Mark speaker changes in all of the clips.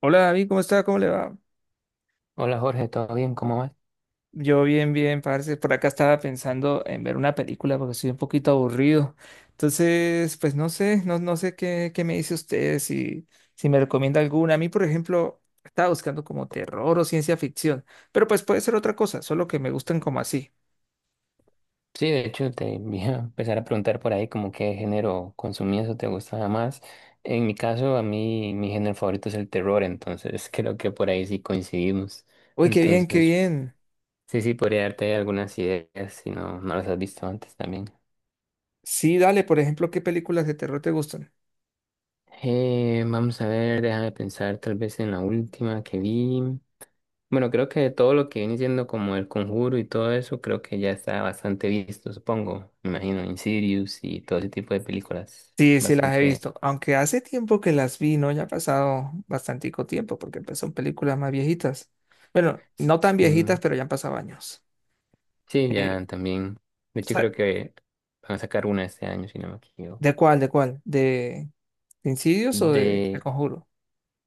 Speaker 1: Hola David, ¿cómo está? ¿Cómo le va?
Speaker 2: Hola Jorge, ¿todo bien? ¿Cómo vas?
Speaker 1: Yo bien, bien, parce. Por acá estaba pensando en ver una película porque estoy un poquito aburrido. Entonces, pues no sé, no sé qué, qué me dice usted, si, si me recomienda alguna. A mí, por ejemplo, estaba buscando como terror o ciencia ficción, pero pues puede ser otra cosa, solo que me gustan como así.
Speaker 2: Sí, de hecho te voy a empezar a preguntar por ahí como qué género consumías o te gustaba más. En mi caso, a mí mi género favorito es el terror, entonces creo que por ahí sí coincidimos.
Speaker 1: Uy, qué bien, qué
Speaker 2: Entonces,
Speaker 1: bien.
Speaker 2: sí, podría darte algunas ideas si no las has visto antes también.
Speaker 1: Sí, dale, por ejemplo, ¿qué películas de terror te gustan?
Speaker 2: Vamos a ver, déjame pensar tal vez en la última que vi. Bueno, creo que todo lo que viene siendo como el conjuro y todo eso, creo que ya está bastante visto, supongo. Me imagino Insidious y todo ese tipo de películas.
Speaker 1: Sí, sí las he
Speaker 2: Bastante.
Speaker 1: visto, aunque hace tiempo que las vi, ¿no? Ya ha pasado bastantico tiempo, porque pues, son películas más viejitas. Bueno, no tan
Speaker 2: Sí,
Speaker 1: viejitas, pero ya han pasado años.
Speaker 2: sí,
Speaker 1: Eh,
Speaker 2: ya también. De hecho,
Speaker 1: sa-
Speaker 2: creo que van a sacar una este año, si no me
Speaker 1: ¿De
Speaker 2: equivoco.
Speaker 1: cuál? ¿De cuál? De Insidious o de El
Speaker 2: De,
Speaker 1: Conjuro?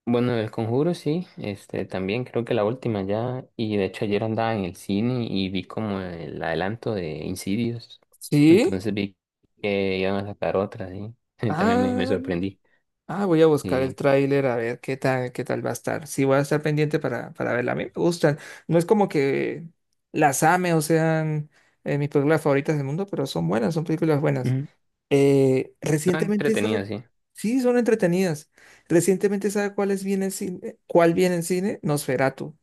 Speaker 2: bueno, del conjuro, sí. Este, también creo que la última ya. Y de hecho, ayer andaba en el cine y vi como el adelanto de Insidious.
Speaker 1: Sí.
Speaker 2: Entonces vi que iban a sacar otra, sí. También me
Speaker 1: Ah,
Speaker 2: sorprendí.
Speaker 1: Voy a buscar el
Speaker 2: Sí.
Speaker 1: tráiler a ver qué tal va a estar. Sí, voy a estar pendiente para verla. A mí me gustan. No es como que las ame o sean mis películas favoritas del mundo, pero son buenas, son películas buenas.
Speaker 2: Ujú. Está
Speaker 1: Recientemente, ¿sabe?
Speaker 2: entretenido, sí.
Speaker 1: Sí, son entretenidas. Recientemente, ¿sabe cuál es bien en cine? ¿Cuál viene en cine? Nosferatu,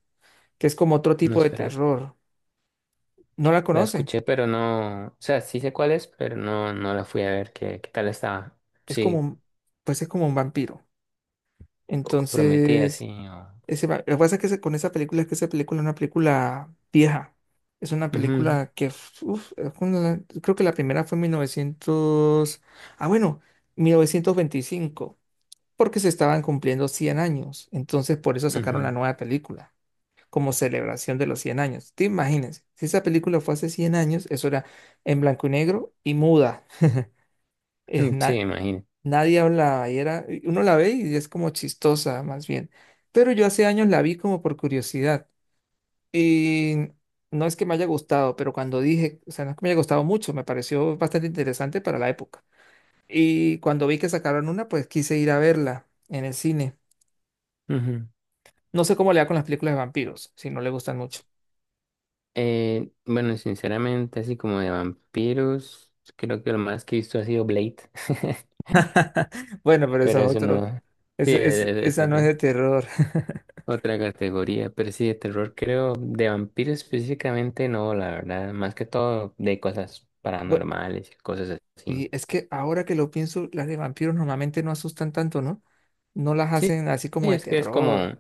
Speaker 1: que es como otro
Speaker 2: No
Speaker 1: tipo de
Speaker 2: esperate.
Speaker 1: terror. No la
Speaker 2: La
Speaker 1: conoce.
Speaker 2: escuché, pero no. O sea, sí sé cuál es, pero no, no la fui a ver qué tal estaba.
Speaker 1: Es como,
Speaker 2: Sí,
Speaker 1: un- pues es como un vampiro.
Speaker 2: prometía, sí.
Speaker 1: Entonces, lo que pasa es que con esa película es que esa película es una película vieja. Es una
Speaker 2: Ujú,
Speaker 1: película que, uf, es una- Creo que la primera fue en 1900, ah, bueno, 1925. Porque se estaban cumpliendo 100 años. Entonces, por eso sacaron
Speaker 2: ujú.
Speaker 1: la nueva película, como celebración de los 100 años. Te imagínense, si esa película fue hace 100 años, eso era en blanco y negro y muda. Es
Speaker 2: Sí,
Speaker 1: na-
Speaker 2: imagino.
Speaker 1: Nadie hablaba y era, y uno la ve y es como chistosa, más bien. Pero yo hace años la vi como por curiosidad. Y no es que me haya gustado, pero cuando dije, o sea, no es que me haya gustado mucho, me pareció bastante interesante para la época. Y cuando vi que sacaron una, pues quise ir a verla en el cine.
Speaker 2: Ujú.
Speaker 1: No sé cómo le da con las películas de vampiros, si no le gustan mucho.
Speaker 2: Bueno, sinceramente, así como de vampiros, creo que lo más que he visto ha sido Blade.
Speaker 1: Bueno, pero eso
Speaker 2: Pero
Speaker 1: es
Speaker 2: eso
Speaker 1: otro.
Speaker 2: no. Sí,
Speaker 1: Esa
Speaker 2: eso.
Speaker 1: no es
Speaker 2: ¿No?
Speaker 1: de terror.
Speaker 2: Otra categoría, pero sí, de terror creo, de vampiros específicamente no, la verdad, más que todo de cosas
Speaker 1: Bu-
Speaker 2: paranormales y cosas así.
Speaker 1: Y es que ahora que lo pienso, las de vampiros normalmente no asustan tanto, ¿no? No las
Speaker 2: Sí,
Speaker 1: hacen así como
Speaker 2: sí,
Speaker 1: de
Speaker 2: es que es
Speaker 1: terror.
Speaker 2: como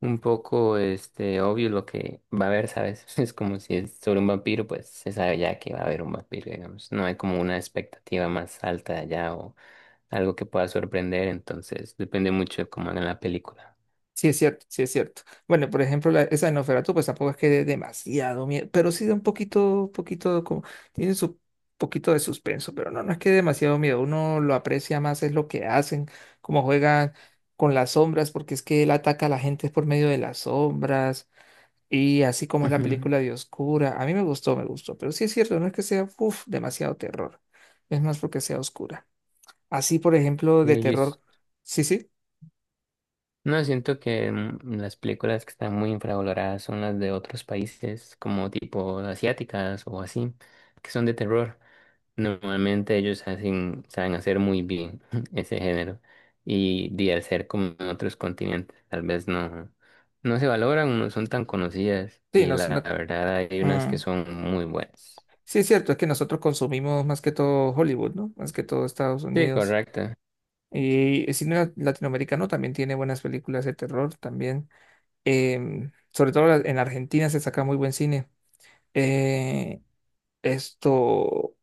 Speaker 2: un poco este obvio lo que va a haber, ¿sabes? Es como si es sobre un vampiro, pues se sabe ya que va a haber un vampiro, digamos. No hay como una expectativa más alta allá o algo que pueda sorprender, entonces depende mucho de cómo hagan la película.
Speaker 1: Sí, es cierto, sí es cierto. Bueno, por ejemplo, esa de Nosferatu, pues tampoco es que dé demasiado miedo, pero sí da un poquito, poquito, como, tiene su poquito de suspenso, pero no, no es que dé demasiado miedo. Uno lo aprecia más, es lo que hacen, cómo juegan con las sombras, porque es que él ataca a la gente por medio de las sombras, y así como es la
Speaker 2: Ujú.
Speaker 1: película de Oscura. A mí me gustó, pero sí es cierto, no es que sea, uf, demasiado terror. Es más porque sea oscura. Así, por ejemplo, de
Speaker 2: Sí, yo
Speaker 1: terror. Sí, sí,
Speaker 2: no, siento que las películas que están muy infravaloradas son las de otros países, como tipo asiáticas o así, que son de terror. Normalmente ellos hacen, saben hacer muy bien ese género. Y de al ser como en otros continentes, tal vez no se valoran, no son tan conocidas.
Speaker 1: sí,
Speaker 2: Y
Speaker 1: no es
Speaker 2: la
Speaker 1: una.
Speaker 2: verdad hay unas que
Speaker 1: mm,
Speaker 2: son muy buenas.
Speaker 1: Sí, es cierto, es que nosotros consumimos más que todo Hollywood, ¿no? Más que todo Estados
Speaker 2: Sí,
Speaker 1: Unidos.
Speaker 2: correcto.
Speaker 1: Y el cine latinoamericano también tiene buenas películas de terror, también. Sobre todo en Argentina se saca muy buen cine. Eh, esto,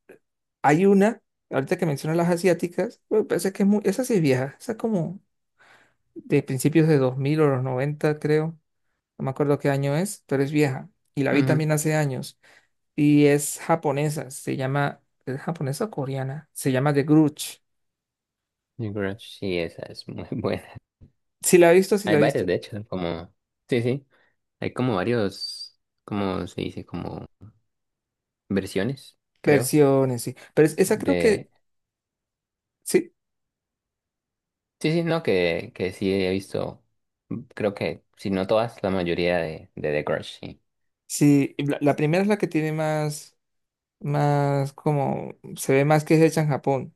Speaker 1: Hay una, ahorita que mencionas las asiáticas, me parece que es muy, esa sí es vieja, esa es como de principios de 2000 o los 90 creo. No me acuerdo qué año es, pero es vieja. Y la vi
Speaker 2: Ujú.
Speaker 1: también hace años. Y es japonesa, se llama, ¿es japonesa o coreana? Se llama The Grudge.
Speaker 2: Yo creo sí, esa es muy buena.
Speaker 1: Si la he visto, si
Speaker 2: Hay
Speaker 1: la he
Speaker 2: varias,
Speaker 1: visto.
Speaker 2: de hecho, como... Sí, sí. Hay como varios, ¿cómo se dice? Como versiones, creo,
Speaker 1: Versiones, sí. Pero esa creo que,
Speaker 2: de...
Speaker 1: sí,
Speaker 2: Sí, sí, no, que sí he visto, creo que, si no todas, la mayoría de The Grudge, sí.
Speaker 1: sí, la primera es la que tiene más, más como, se ve más que es hecha en Japón.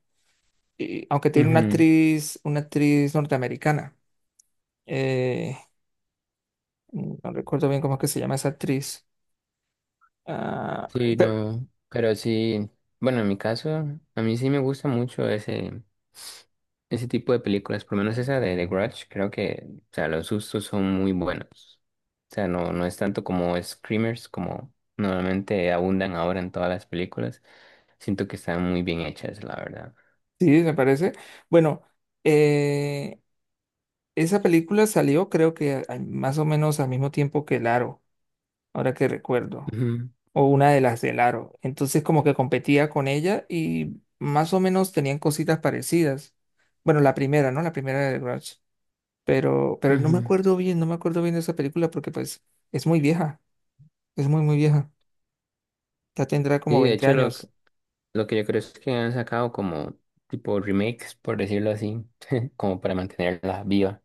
Speaker 1: Y, aunque tiene
Speaker 2: Ujú.
Speaker 1: una actriz norteamericana. Eh, no recuerdo bien cómo es que se llama esa actriz. Ah,
Speaker 2: Sí,
Speaker 1: pe-
Speaker 2: no, pero sí, bueno, en mi caso, a mí sí me gusta mucho ese tipo de películas, por lo menos esa de The Grudge, creo que, o sea, los sustos son muy buenos. O sea, no es tanto como screamers, como normalmente abundan ahora en todas las películas. Siento que están muy bien hechas, la verdad.
Speaker 1: sí, me parece. Bueno, eh, esa película salió creo que más o menos al mismo tiempo que El Aro, ahora que recuerdo,
Speaker 2: Ujú,
Speaker 1: o una de las del Aro. Entonces como que competía con ella y más o menos tenían cositas parecidas. Bueno, la primera, ¿no? La primera de Grudge. Pero no me
Speaker 2: ujú.
Speaker 1: acuerdo bien, no me acuerdo bien de esa película porque pues es muy vieja, es muy, muy vieja. Ya tendrá como
Speaker 2: Sí, de
Speaker 1: veinte
Speaker 2: hecho,
Speaker 1: años.
Speaker 2: lo que yo creo es que han sacado como tipo remakes, por decirlo así, como para mantenerla viva.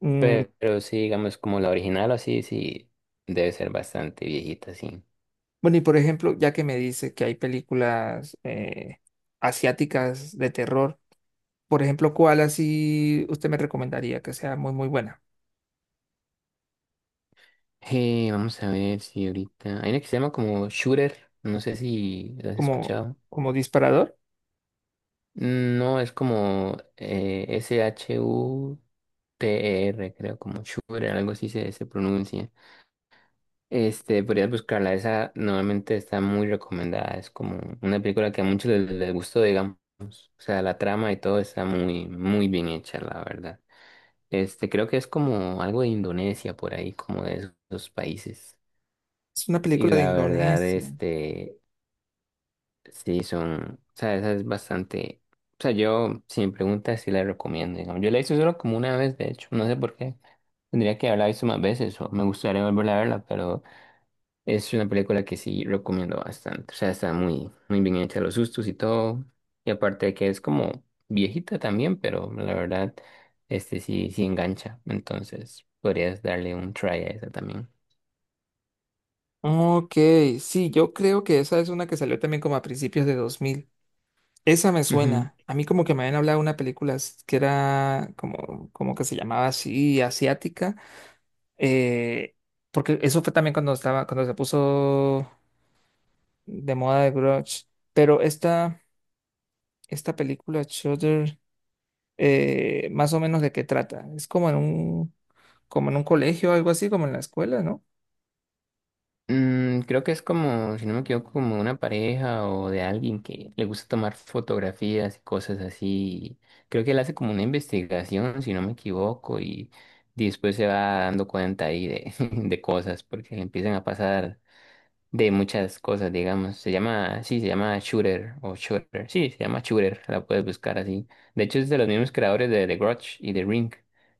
Speaker 1: Mm,
Speaker 2: Pero, sí, digamos, como la original o así, sí, debe ser bastante viejita, sí.
Speaker 1: bueno, y por ejemplo, ya que me dice que hay películas asiáticas de terror. Por ejemplo, ¿cuál así usted me recomendaría que sea muy, muy buena?
Speaker 2: Vamos a ver si ahorita... Hay una que se llama como Shooter, no sé si la has
Speaker 1: Como,
Speaker 2: escuchado.
Speaker 1: como disparador.
Speaker 2: No, es como SHUTER, creo, como Shure, algo así se pronuncia. Este, podrías buscarla, esa normalmente está muy recomendada, es como una película que a muchos les gustó, digamos. O sea, la trama y todo está muy bien hecha, la verdad. Este, creo que es como algo de Indonesia por ahí, como de esos países.
Speaker 1: Es una
Speaker 2: Y
Speaker 1: película de
Speaker 2: la verdad,
Speaker 1: Indonesia.
Speaker 2: este, sí, son, o sea, esa es bastante, o sea, yo, si me preguntas, sí la recomiendo, digamos. Yo la hice solo como una vez, de hecho, no sé por qué. Tendría que haberla visto más veces o me gustaría volver a verla, pero es una película que sí recomiendo bastante. O sea, está muy bien hecha, los sustos y todo. Y aparte de que es como viejita también, pero la verdad, este sí engancha. Entonces, podrías darle un try a esa también.
Speaker 1: Ok, sí, yo creo que esa es una que salió también como a principios de 2000. Esa me suena. A mí como que me habían hablado de una película que era como, como que se llamaba así, asiática. eh, Porque eso fue también cuando estaba, cuando se puso de moda de Grudge. Pero esta película, Shudder, más o menos de qué trata. Es como en un colegio algo así, como en la escuela, ¿no?
Speaker 2: Mm, creo que es como, si no me equivoco, como una pareja o de alguien que le gusta tomar fotografías y cosas así. Creo que él hace como una investigación, si no me equivoco, y después se va dando cuenta ahí de, de cosas, porque le empiezan a pasar de muchas cosas, digamos. Se llama, sí, se llama Shooter o Shooter. Sí, se llama Shooter, la puedes buscar así. De hecho, es de los mismos creadores de The Grudge y The Ring.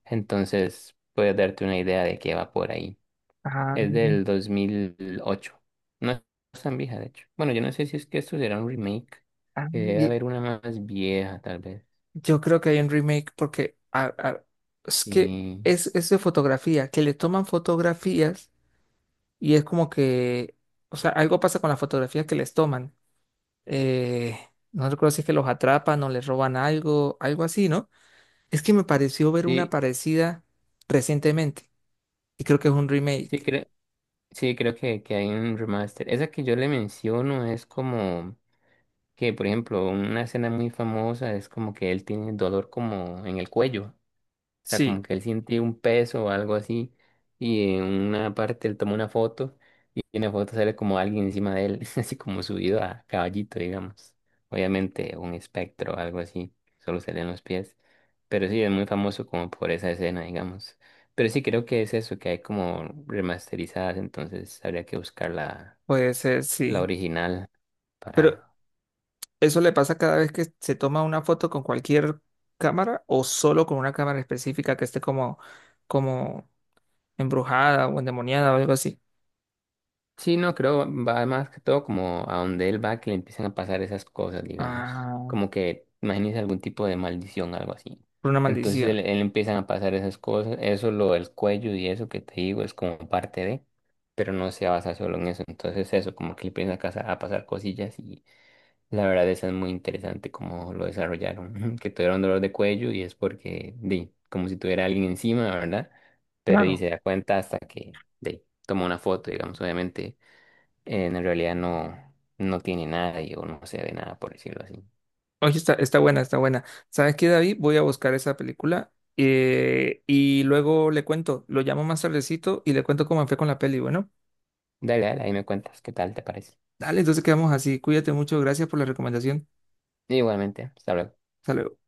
Speaker 2: Entonces, puedes darte una idea de qué va por ahí.
Speaker 1: Ah,
Speaker 2: Es del 2008. No es tan vieja, de hecho. Bueno, yo no sé si es que esto será un remake,
Speaker 1: ah,
Speaker 2: que debe
Speaker 1: y
Speaker 2: haber una más vieja, tal vez.
Speaker 1: yo creo que hay un remake porque es que
Speaker 2: Sí,
Speaker 1: es de fotografía, que le toman fotografías y es como que, o sea, algo pasa con las fotografías que les toman. Eh, no recuerdo si es que los atrapan o les roban algo, algo así, ¿no? Es que me pareció ver una
Speaker 2: sí,
Speaker 1: parecida recientemente y creo que es un
Speaker 2: sí,
Speaker 1: remake.
Speaker 2: creo, sí, creo que hay un remaster. Esa que yo le menciono es como que, por ejemplo, una escena muy famosa es como que él tiene dolor como en el cuello. O sea, como
Speaker 1: Sí,
Speaker 2: que él siente un peso o algo así. Y en una parte él toma una foto y en la foto sale como alguien encima de él, así como subido a caballito, digamos. Obviamente un espectro o algo así, solo se leen los pies. Pero sí, es muy famoso como por esa escena, digamos. Pero sí creo que es eso, que hay como remasterizadas, entonces habría que buscar la,
Speaker 1: puede ser,
Speaker 2: la
Speaker 1: sí.
Speaker 2: original
Speaker 1: Pero
Speaker 2: para
Speaker 1: ¿eso le pasa cada vez que se toma una foto con cualquier cámara o solo con una cámara específica que esté como, como embrujada o endemoniada o algo así?
Speaker 2: sí, no, creo, va más que todo como a donde él va que le empiezan a pasar esas cosas, digamos.
Speaker 1: Ah,
Speaker 2: Como que, imagínese algún tipo de maldición, algo así.
Speaker 1: por una
Speaker 2: Entonces
Speaker 1: maldición.
Speaker 2: él empiezan a pasar esas cosas, eso, lo del cuello y eso que te digo es como parte de, pero no se basa solo en eso. Entonces eso, como que le empiezan a, a pasar cosillas y la verdad eso es muy interesante como lo desarrollaron, que tuvieron dolor de cuello y es porque, di, como si tuviera alguien encima, ¿verdad? Pero y
Speaker 1: Claro.
Speaker 2: se da cuenta hasta de toma una foto, digamos, obviamente en realidad no tiene nada y o no se ve nada, por decirlo así.
Speaker 1: Oye, está, está buena, está buena. ¿Sabes qué, David? Voy a buscar esa película y luego le cuento. Lo llamo más tardecito y le cuento cómo me fue con la peli. Bueno,
Speaker 2: Dale, ahí me cuentas qué tal te parece.
Speaker 1: dale, entonces quedamos así. Cuídate mucho. Gracias por la recomendación.
Speaker 2: Igualmente, hasta luego.
Speaker 1: Hasta luego.